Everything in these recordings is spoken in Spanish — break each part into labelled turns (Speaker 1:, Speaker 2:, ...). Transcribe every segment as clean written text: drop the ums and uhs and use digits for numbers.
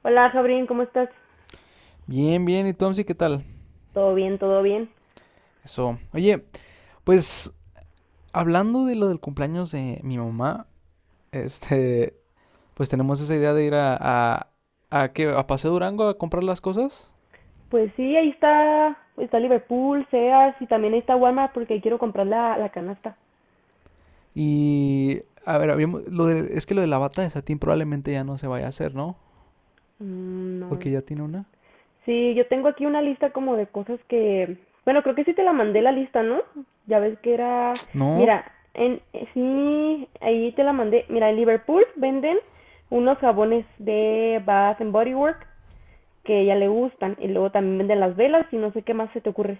Speaker 1: Hola, Jabrín, ¿cómo estás?
Speaker 2: Bien, bien. ¿Y tú, Amsi, qué tal?
Speaker 1: Todo bien, todo bien.
Speaker 2: Eso. Oye, pues hablando de lo del cumpleaños de mi mamá, este, pues tenemos esa idea de ir a, ¿qué? A Paseo Durango a comprar las cosas.
Speaker 1: Pues sí, ahí está Liverpool, Sears y también ahí está Walmart porque quiero comprar la canasta.
Speaker 2: Y, a ver, es que lo de la bata de satín probablemente ya no se vaya a hacer, ¿no?
Speaker 1: Mm,
Speaker 2: Porque
Speaker 1: no.
Speaker 2: ya tiene una.
Speaker 1: Sí, yo tengo aquí una lista como de cosas que, bueno, creo que sí te la mandé la lista, ¿no? Ya ves que era,
Speaker 2: No.
Speaker 1: mira, en sí, ahí te la mandé. Mira, en Liverpool venden unos jabones de Bath and Body Works que ya le gustan y luego también venden las velas y no sé qué más se te ocurre.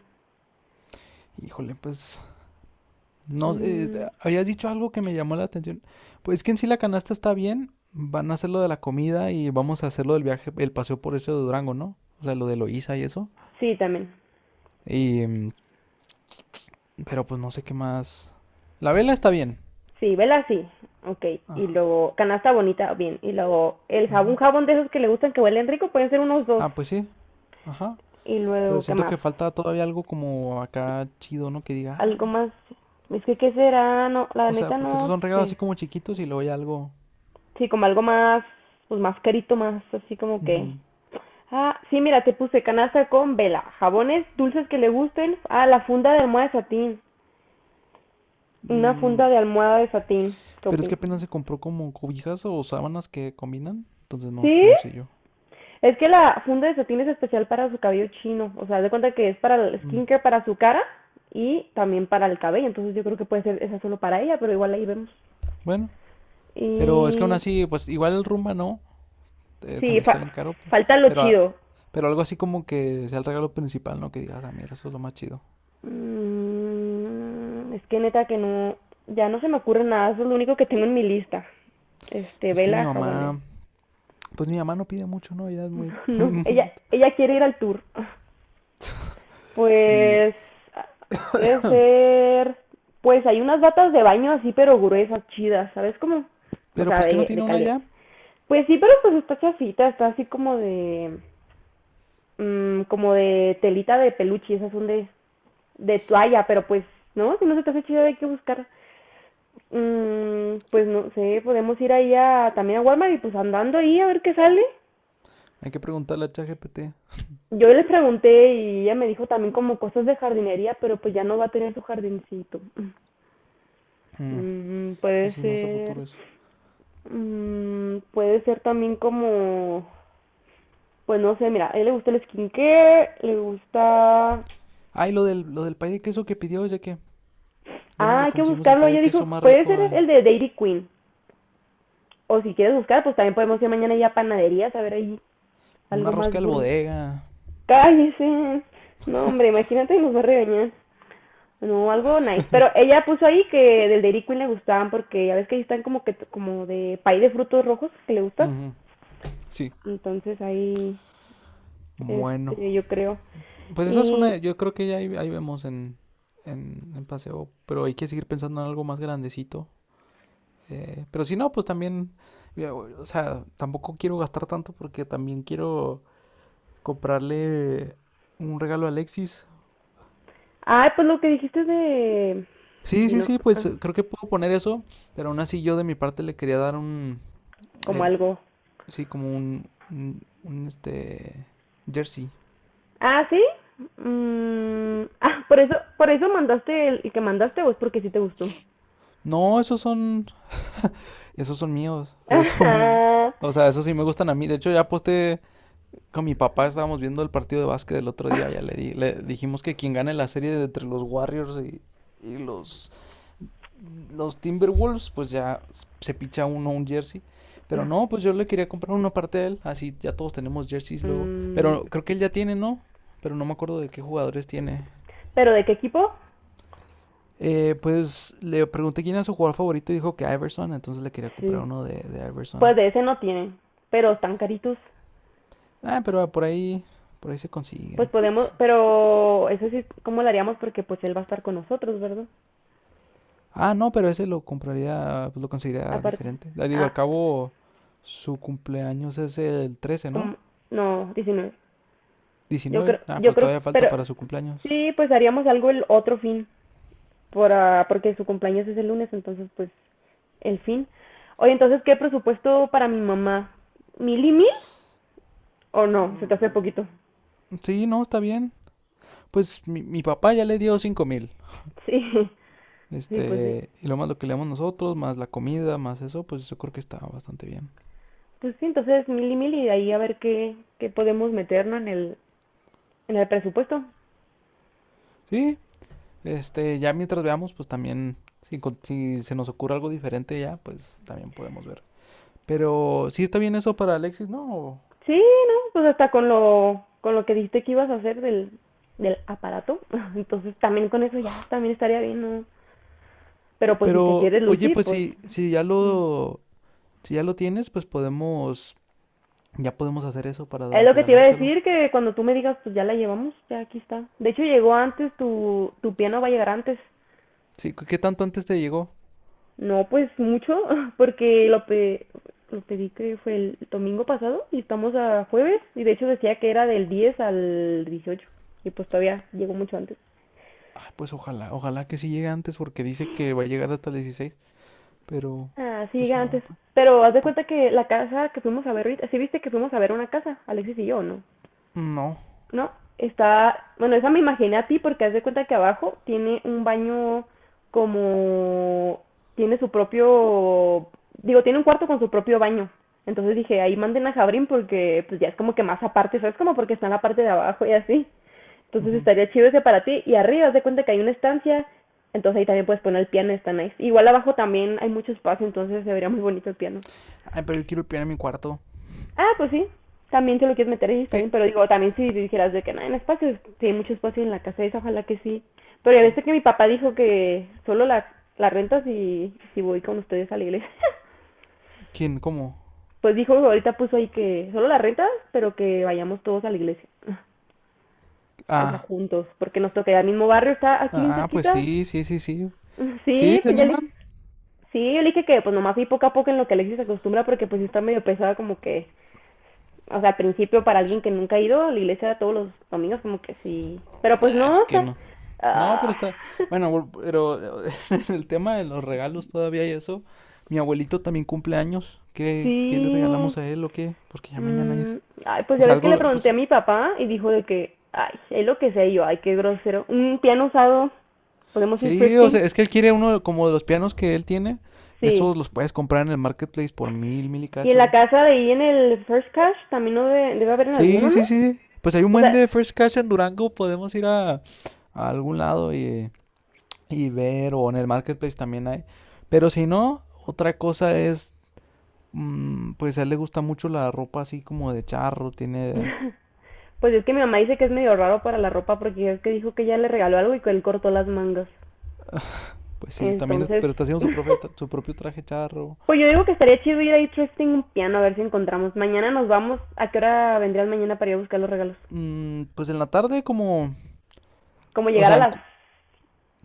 Speaker 2: Híjole, pues no,
Speaker 1: Mm,
Speaker 2: habías dicho algo que me llamó la atención. Pues es que en sí la canasta está bien. Van a hacer lo de la comida y vamos a hacer lo del viaje, el paseo por eso de Durango, ¿no? O sea, lo de Loíza y eso.
Speaker 1: sí, también.
Speaker 2: Y, mm, pero pues no sé qué más. La vela está bien.
Speaker 1: Sí, vela sí. Ok. Y
Speaker 2: Ajá,
Speaker 1: luego canasta bonita, bien. Y luego el jabón, un
Speaker 2: ajá.
Speaker 1: jabón de esos que le gustan que huelen rico, pueden ser unos dos.
Speaker 2: Ah, pues sí, ajá.
Speaker 1: Y
Speaker 2: Pero
Speaker 1: luego, ¿qué
Speaker 2: siento
Speaker 1: más?
Speaker 2: que falta todavía algo como acá chido, ¿no? Que diga, ah,
Speaker 1: Algo
Speaker 2: mira.
Speaker 1: más. Es que, ¿qué será? No, la
Speaker 2: O sea,
Speaker 1: neta
Speaker 2: porque esos
Speaker 1: no
Speaker 2: son regalos así
Speaker 1: sé.
Speaker 2: como chiquitos y luego hay algo.
Speaker 1: Sí, como algo más, pues más carito, más así como que.
Speaker 2: Ujú.
Speaker 1: Ah, sí, mira, te puse canasta con vela, jabones dulces que le gusten. Ah, la funda de almohada de satín. Una
Speaker 2: Mm,
Speaker 1: funda de almohada de satín. ¿Qué
Speaker 2: pero es que
Speaker 1: opinas?
Speaker 2: apenas se compró como cobijas o sábanas que combinan. Entonces no,
Speaker 1: ¿Sí?
Speaker 2: no sé yo.
Speaker 1: Es que la funda de satín es especial para su cabello chino. O sea, haz de cuenta que es para el
Speaker 2: Mm,
Speaker 1: skincare, para su cara y también para el cabello. Entonces yo creo que puede ser esa solo para ella, pero igual ahí vemos.
Speaker 2: Bueno, pero es que aún
Speaker 1: Y
Speaker 2: así, pues igual el Rumba no,
Speaker 1: sí,
Speaker 2: también está bien caro,
Speaker 1: falta lo
Speaker 2: pero, a-
Speaker 1: chido.
Speaker 2: pero algo así como que sea el regalo principal, ¿no? Que digas, ah, mira, eso es lo más chido.
Speaker 1: Es que neta que no, ya no se me ocurre nada. Eso es lo único que tengo en mi lista. Este,
Speaker 2: Pues que mi
Speaker 1: vela jabones.
Speaker 2: mamá, pues mi mamá no pide mucho, ¿no? Ella es muy.
Speaker 1: No, ella, ella quiere ir al tour.
Speaker 2: Y.
Speaker 1: Pues puede ser, pues hay unas batas de baño así pero gruesas, chidas, ¿sabes cómo? O
Speaker 2: Pero
Speaker 1: sea,
Speaker 2: pues que no
Speaker 1: de
Speaker 2: tiene una
Speaker 1: calidad.
Speaker 2: ya,
Speaker 1: Pues sí, pero pues está chafita, está así como de telita de peluche, esas son de toalla, pero pues, ¿no? Si no se te hace chido hay que buscar. Pues no sé, podemos ir ahí a, también a Walmart y pues andando ahí a ver qué sale.
Speaker 2: hay que preguntarle a ChatGPT.
Speaker 1: Yo les pregunté y ella me dijo también como cosas de jardinería, pero pues ya no va a tener su jardincito. Mm.
Speaker 2: Mm, Pues
Speaker 1: Puede
Speaker 2: sí, más a
Speaker 1: ser,
Speaker 2: futuro eso.
Speaker 1: puede ser también como, pues no sé, mira, a él le gusta el skincare, le gusta,
Speaker 2: Ah, y lo del pay de queso que pidió es de que, ¿dónde
Speaker 1: ah,
Speaker 2: le
Speaker 1: hay que
Speaker 2: conseguimos el
Speaker 1: buscarlo,
Speaker 2: pay
Speaker 1: ella
Speaker 2: de queso
Speaker 1: dijo,
Speaker 2: más
Speaker 1: puede ser
Speaker 2: rico?
Speaker 1: el de Dairy Queen, o si quieres buscar, pues también podemos ir mañana ya a panaderías a ver ahí
Speaker 2: Una
Speaker 1: algo
Speaker 2: rosca
Speaker 1: más
Speaker 2: del
Speaker 1: gourmet.
Speaker 2: bodega.
Speaker 1: Cállese, no hombre, imagínate, nos va a regañar. No, algo nice. Pero ella puso ahí que del Dairy Queen le gustaban porque ya ves que ahí están como que como de pay de frutos rojos que le gusta.
Speaker 2: Ujú, sí,
Speaker 1: Entonces ahí.
Speaker 2: bueno.
Speaker 1: Este, yo creo.
Speaker 2: Pues esa es
Speaker 1: Y,
Speaker 2: una, yo creo que ya ahí vemos en, en paseo, pero hay que seguir pensando en algo más grandecito. Pero si no, pues también, ya, o sea, tampoco quiero gastar tanto porque también quiero comprarle un regalo a Alexis.
Speaker 1: ah, pues lo que dijiste de,
Speaker 2: Sí, sí, sí, pues
Speaker 1: ah,
Speaker 2: creo que puedo poner eso, pero aún así yo de mi parte le quería dar
Speaker 1: como
Speaker 2: eh,
Speaker 1: algo.
Speaker 2: sí, como un jersey.
Speaker 1: Ah, ¿sí? Ah, por eso mandaste el que mandaste o es porque sí te gustó.
Speaker 2: No, esos son míos, esos son, o sea, esos sí me gustan a mí. De hecho, ya posté. Con mi papá estábamos viendo el partido de básquet del otro día, ya le dijimos que quien gane la serie de entre los Warriors y los Timberwolves, pues ya se picha uno un jersey. Pero
Speaker 1: Ajá.
Speaker 2: no, pues yo le quería comprar uno aparte de él, así ya todos tenemos jerseys luego.
Speaker 1: Mm,
Speaker 2: Pero creo que él ya tiene, ¿no? Pero no me acuerdo de qué jugadores tiene.
Speaker 1: pero ¿de qué equipo?
Speaker 2: Pues le pregunté quién era su jugador favorito y dijo que Iverson, entonces le quería
Speaker 1: Sí.
Speaker 2: comprar uno de
Speaker 1: Pues
Speaker 2: Iverson.
Speaker 1: de ese no tiene, pero están caritos.
Speaker 2: Ah, pero por ahí se
Speaker 1: Pues
Speaker 2: consiguen.
Speaker 1: podemos, pero eso sí, ¿cómo lo haríamos? Porque pues él va a estar con nosotros, ¿verdad?
Speaker 2: Ah, no, pero ese lo compraría, pues lo conseguiría
Speaker 1: Aparte.
Speaker 2: diferente. Ah, digo,
Speaker 1: Ah,
Speaker 2: al cabo, su cumpleaños es el 13, ¿no?
Speaker 1: como, no, 19.
Speaker 2: 19. Ah,
Speaker 1: Yo
Speaker 2: pues
Speaker 1: creo,
Speaker 2: todavía falta
Speaker 1: pero
Speaker 2: para su cumpleaños.
Speaker 1: sí, pues haríamos algo el otro fin, porque su cumpleaños es el lunes, entonces pues el fin. Oye, entonces, ¿qué presupuesto para mi mamá? ¿Mil y mil? ¿O no? Se te hace poquito.
Speaker 2: Sí, no, está bien. Pues mi papá ya le dio 5000.
Speaker 1: Sí, sí, pues sí.
Speaker 2: Y lo más lo que le damos nosotros, más la comida, más eso, pues yo creo que está bastante bien.
Speaker 1: Pues sí, entonces mil y mil y de ahí a ver qué podemos meternos en el presupuesto.
Speaker 2: Sí, ya mientras veamos, pues también, si se nos ocurre algo diferente ya, pues también podemos ver. Pero sí está bien eso para Alexis, ¿no? ¿O?
Speaker 1: Sí, no, pues hasta con lo que dijiste que ibas a hacer del aparato, entonces también con eso ya, también estaría bien, ¿no? Pero pues si te
Speaker 2: Pero,
Speaker 1: quieres
Speaker 2: oye,
Speaker 1: lucir,
Speaker 2: pues
Speaker 1: pues mm,
Speaker 2: si ya lo tienes, pues ya podemos hacer eso para
Speaker 1: Es
Speaker 2: dar,
Speaker 1: lo que te iba a
Speaker 2: regalárselo.
Speaker 1: decir, que cuando tú me digas, pues ya la llevamos, ya aquí está. De hecho, llegó antes, tu piano va a llegar antes.
Speaker 2: Sí, ¿qué tanto antes te llegó?
Speaker 1: No, pues mucho, porque lo pedí que fue el domingo pasado y estamos a jueves y de hecho decía que era del 10 al 18 y pues todavía llegó mucho antes.
Speaker 2: Ay, pues ojalá, ojalá que sí llegue antes porque dice que va a llegar hasta el 16, pero,
Speaker 1: Ah, sí,
Speaker 2: pues,
Speaker 1: llega antes. Pero haz de
Speaker 2: pu-
Speaker 1: cuenta que la casa que fuimos a ver ahorita, sí viste que fuimos a ver una casa, Alexis y yo, ¿no?
Speaker 2: no.
Speaker 1: No, está, bueno, esa me imaginé a ti porque haz de cuenta que abajo tiene un baño como, tiene su propio, digo, tiene un cuarto con su propio baño. Entonces dije, ahí manden a Jabrín porque pues ya es como que más aparte, ¿sabes? Como porque está en la parte de abajo y así. Entonces
Speaker 2: Ujú.
Speaker 1: estaría chido ese para ti. Y arriba, haz de cuenta que hay una estancia, entonces ahí también puedes poner el piano, está nice. Igual abajo también hay mucho espacio, entonces se vería muy bonito el piano.
Speaker 2: Ay, pero yo quiero el piano en mi cuarto.
Speaker 1: Ah, pues sí, también te lo quieres meter ahí, está bien,
Speaker 2: ¿Qué?
Speaker 1: pero digo, también si dijeras de que no hay espacio, si hay mucho espacio en la casa esa, ojalá que sí. Pero ya
Speaker 2: Sí.
Speaker 1: viste que mi papá dijo que solo la renta si voy con ustedes a la iglesia.
Speaker 2: ¿Quién? ¿Cómo?
Speaker 1: Pues dijo, ahorita puso ahí que solo la renta, pero que vayamos todos a la iglesia. O sea,
Speaker 2: Ah,
Speaker 1: juntos, porque nos toca ya el mismo barrio, está aquí bien
Speaker 2: ah, pues
Speaker 1: cerquita.
Speaker 2: sí, sí, sí, sí. ¿Sí?
Speaker 1: Sí,
Speaker 2: ¿Se
Speaker 1: pues ya le...
Speaker 2: animan?
Speaker 1: Sí, yo le dije que pues nomás ahí poco a poco en lo que Alexis se acostumbra, porque pues sí está medio pesada como que o sea, al principio para alguien que nunca ha ido a la iglesia todos los domingos, como que sí. Pero pues
Speaker 2: Ah, es
Speaker 1: no, o
Speaker 2: que
Speaker 1: sea,
Speaker 2: no. No, pero
Speaker 1: ah,
Speaker 2: está. Bueno, pero en el tema de los regalos todavía y eso. Mi abuelito también cumple años. ¿Qué le
Speaker 1: sí.
Speaker 2: regalamos a él o qué? Porque ya mañana
Speaker 1: mm,
Speaker 2: es.
Speaker 1: Ay, pues
Speaker 2: O
Speaker 1: ya
Speaker 2: sea,
Speaker 1: ves que le
Speaker 2: algo,
Speaker 1: pregunté a
Speaker 2: pues.
Speaker 1: mi papá y dijo de que, ay, es lo que sé yo, ay, qué grosero. Un piano usado, ¿podemos ir
Speaker 2: Sí, o sea,
Speaker 1: thrifting?
Speaker 2: es que él quiere uno como de los pianos que él tiene. Esos
Speaker 1: Sí.
Speaker 2: los puedes comprar en el marketplace por 1000, 1000 y
Speaker 1: Y en la
Speaker 2: cacho.
Speaker 1: casa de ahí en el First Cash también no debe, debe haber en alguno,
Speaker 2: Sí,
Speaker 1: ¿no?
Speaker 2: sí, sí, sí. Pues hay un
Speaker 1: O
Speaker 2: buen
Speaker 1: sea,
Speaker 2: de First Cash en Durango. Podemos ir a, algún lado y ver. O en el marketplace también hay. Pero si no, otra cosa es. Pues a él le gusta mucho la ropa así como de charro, tiene.
Speaker 1: pues es que mi mamá dice que es medio raro para la ropa porque es que dijo que ella le regaló algo y que él cortó las mangas.
Speaker 2: Pues sí, también,
Speaker 1: Entonces,
Speaker 2: pero está haciendo su, profe- su propio traje charro.
Speaker 1: Pues yo digo que estaría chido ir a Interesting un piano a ver si encontramos. Mañana nos vamos. ¿A qué hora vendrías mañana para ir a buscar los regalos?
Speaker 2: Pues en la tarde como.
Speaker 1: Como
Speaker 2: O
Speaker 1: llegar a
Speaker 2: sea,
Speaker 1: las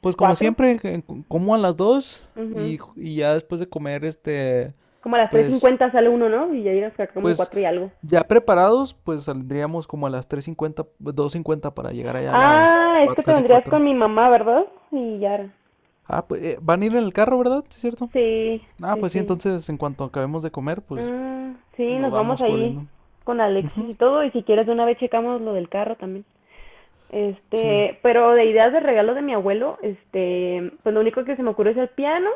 Speaker 2: pues como
Speaker 1: 4.
Speaker 2: siempre, que como a las 2
Speaker 1: Ujú.
Speaker 2: y ya después de comer,
Speaker 1: Como a las tres
Speaker 2: pues,
Speaker 1: cincuenta sale uno, ¿no? Y ya ir hasta como
Speaker 2: pues
Speaker 1: cuatro y algo.
Speaker 2: ya preparados, pues saldríamos como a las 3:50, 2:50, para llegar allá a las
Speaker 1: Ah, es que te
Speaker 2: casi
Speaker 1: vendrías con
Speaker 2: cuatro.
Speaker 1: mi mamá, ¿verdad? Y ya.
Speaker 2: Ah, pues van a ir en el carro, ¿verdad? ¿Sí es cierto?
Speaker 1: Sí,
Speaker 2: Ah,
Speaker 1: sí,
Speaker 2: pues sí,
Speaker 1: sí.
Speaker 2: entonces en cuanto acabemos de comer, pues
Speaker 1: Mm, sí,
Speaker 2: nos
Speaker 1: nos vamos
Speaker 2: vamos
Speaker 1: ahí
Speaker 2: corriendo.
Speaker 1: con Alexis
Speaker 2: Ujú.
Speaker 1: y todo, y si quieres de una vez checamos lo del carro también.
Speaker 2: Sí.
Speaker 1: Este, pero de ideas de regalo de mi abuelo, este, pues lo único que se me ocurre es el piano,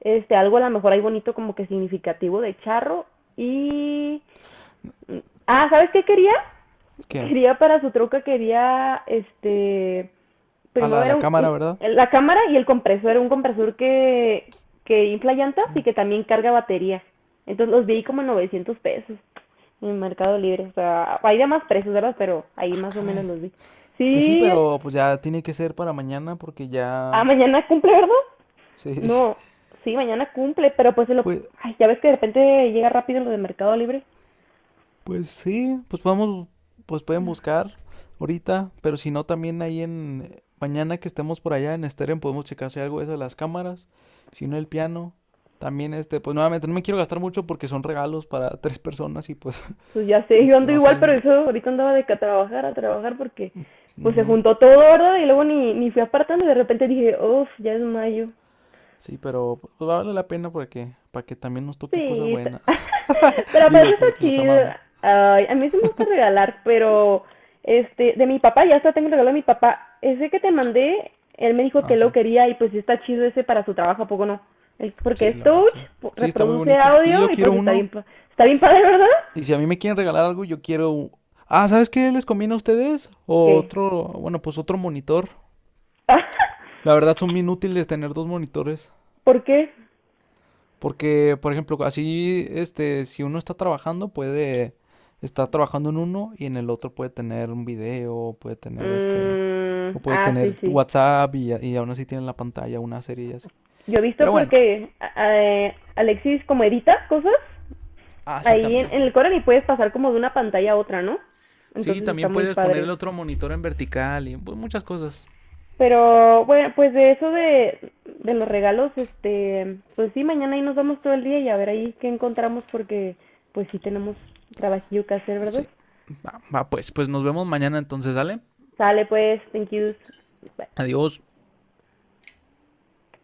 Speaker 1: este, algo a lo mejor ahí bonito como que significativo de charro y, ah, ¿sabes qué quería?
Speaker 2: ¿Qué?
Speaker 1: Quería para su troca, quería, este,
Speaker 2: A
Speaker 1: primero
Speaker 2: la
Speaker 1: era
Speaker 2: cámara, ¿verdad?
Speaker 1: la cámara y el compresor, era un compresor que infla llantas y
Speaker 2: Caray.
Speaker 1: que también carga batería. Entonces los vi como en 900 pesos en Mercado Libre. O sea, hay de más precios, ¿verdad? Pero ahí
Speaker 2: Ah,
Speaker 1: más o menos
Speaker 2: caray.
Speaker 1: los vi.
Speaker 2: Pues sí,
Speaker 1: Sí,
Speaker 2: pero pues ya tiene que ser para mañana porque
Speaker 1: ah,
Speaker 2: ya.
Speaker 1: mañana cumple, ¿verdad?
Speaker 2: Sí.
Speaker 1: No, sí, mañana cumple, pero pues se lo...
Speaker 2: Pues,
Speaker 1: Ay, ya ves que de repente llega rápido lo de Mercado Libre.
Speaker 2: pues sí, pues pueden buscar ahorita, pero si no también ahí en. Mañana que estemos por allá en Steren podemos checar si hay algo de eso de las cámaras, si no el piano. También pues nuevamente no me quiero gastar mucho porque son regalos para tres personas y pues
Speaker 1: Pues ya sé, yo
Speaker 2: este
Speaker 1: ando
Speaker 2: va a
Speaker 1: igual,
Speaker 2: salir.
Speaker 1: pero eso ahorita andaba de que a trabajar, porque pues se
Speaker 2: Ujú.
Speaker 1: juntó todo, ¿verdad? Y luego ni fui apartando, de repente dije, uff, ya es mayo.
Speaker 2: Sí, pero pues, vale la pena para que también nos toque cosas
Speaker 1: Sí,
Speaker 2: buenas.
Speaker 1: pero aparte
Speaker 2: Digo,
Speaker 1: está
Speaker 2: porque los
Speaker 1: chido.
Speaker 2: amamos.
Speaker 1: Ay, a mí sí me gusta regalar, pero este, de mi papá, ya está, tengo el regalo de mi papá. Ese que te mandé, él me dijo que
Speaker 2: Ah,
Speaker 1: lo
Speaker 2: sí.
Speaker 1: quería y pues sí está chido ese para su trabajo, ¿a poco no?
Speaker 2: Sí,
Speaker 1: Porque es
Speaker 2: la verdad,
Speaker 1: touch,
Speaker 2: sí. Sí, está muy
Speaker 1: reproduce
Speaker 2: bonito. Sí,
Speaker 1: audio
Speaker 2: yo
Speaker 1: y
Speaker 2: quiero
Speaker 1: pues está bien,
Speaker 2: uno.
Speaker 1: está bien padre, ¿verdad?
Speaker 2: Y si a mí me quieren regalar algo, yo quiero. Ah, ¿sabes qué les conviene a ustedes? O
Speaker 1: ¿Qué?
Speaker 2: otro, bueno, pues otro monitor. La verdad son bien útiles tener dos monitores.
Speaker 1: ¿Por qué?
Speaker 2: Porque, por ejemplo, así, si uno está trabajando, puede estar trabajando en uno y en el otro puede tener un video, puede tener
Speaker 1: Mm,
Speaker 2: o puede
Speaker 1: ah, sí,
Speaker 2: tener
Speaker 1: sí.
Speaker 2: WhatsApp y aún así tiene en la pantalla una serie y así.
Speaker 1: Yo he visto
Speaker 2: Pero bueno,
Speaker 1: porque Alexis como edita cosas
Speaker 2: así
Speaker 1: ahí
Speaker 2: también
Speaker 1: en el
Speaker 2: está.
Speaker 1: Coral y puedes pasar como de una pantalla a otra, ¿no?
Speaker 2: Sí,
Speaker 1: Entonces está
Speaker 2: también
Speaker 1: muy
Speaker 2: puedes poner
Speaker 1: padre.
Speaker 2: el otro monitor en vertical y pues, muchas cosas.
Speaker 1: Pero bueno, pues de eso de los regalos, este, pues sí, mañana ahí nos vamos todo el día y a ver ahí qué encontramos porque pues sí tenemos trabajillo que hacer, ¿verdad?
Speaker 2: Sí. Va, va, pues, nos vemos mañana entonces, ¿sale?
Speaker 1: Sale pues, thank yous.
Speaker 2: Adiós.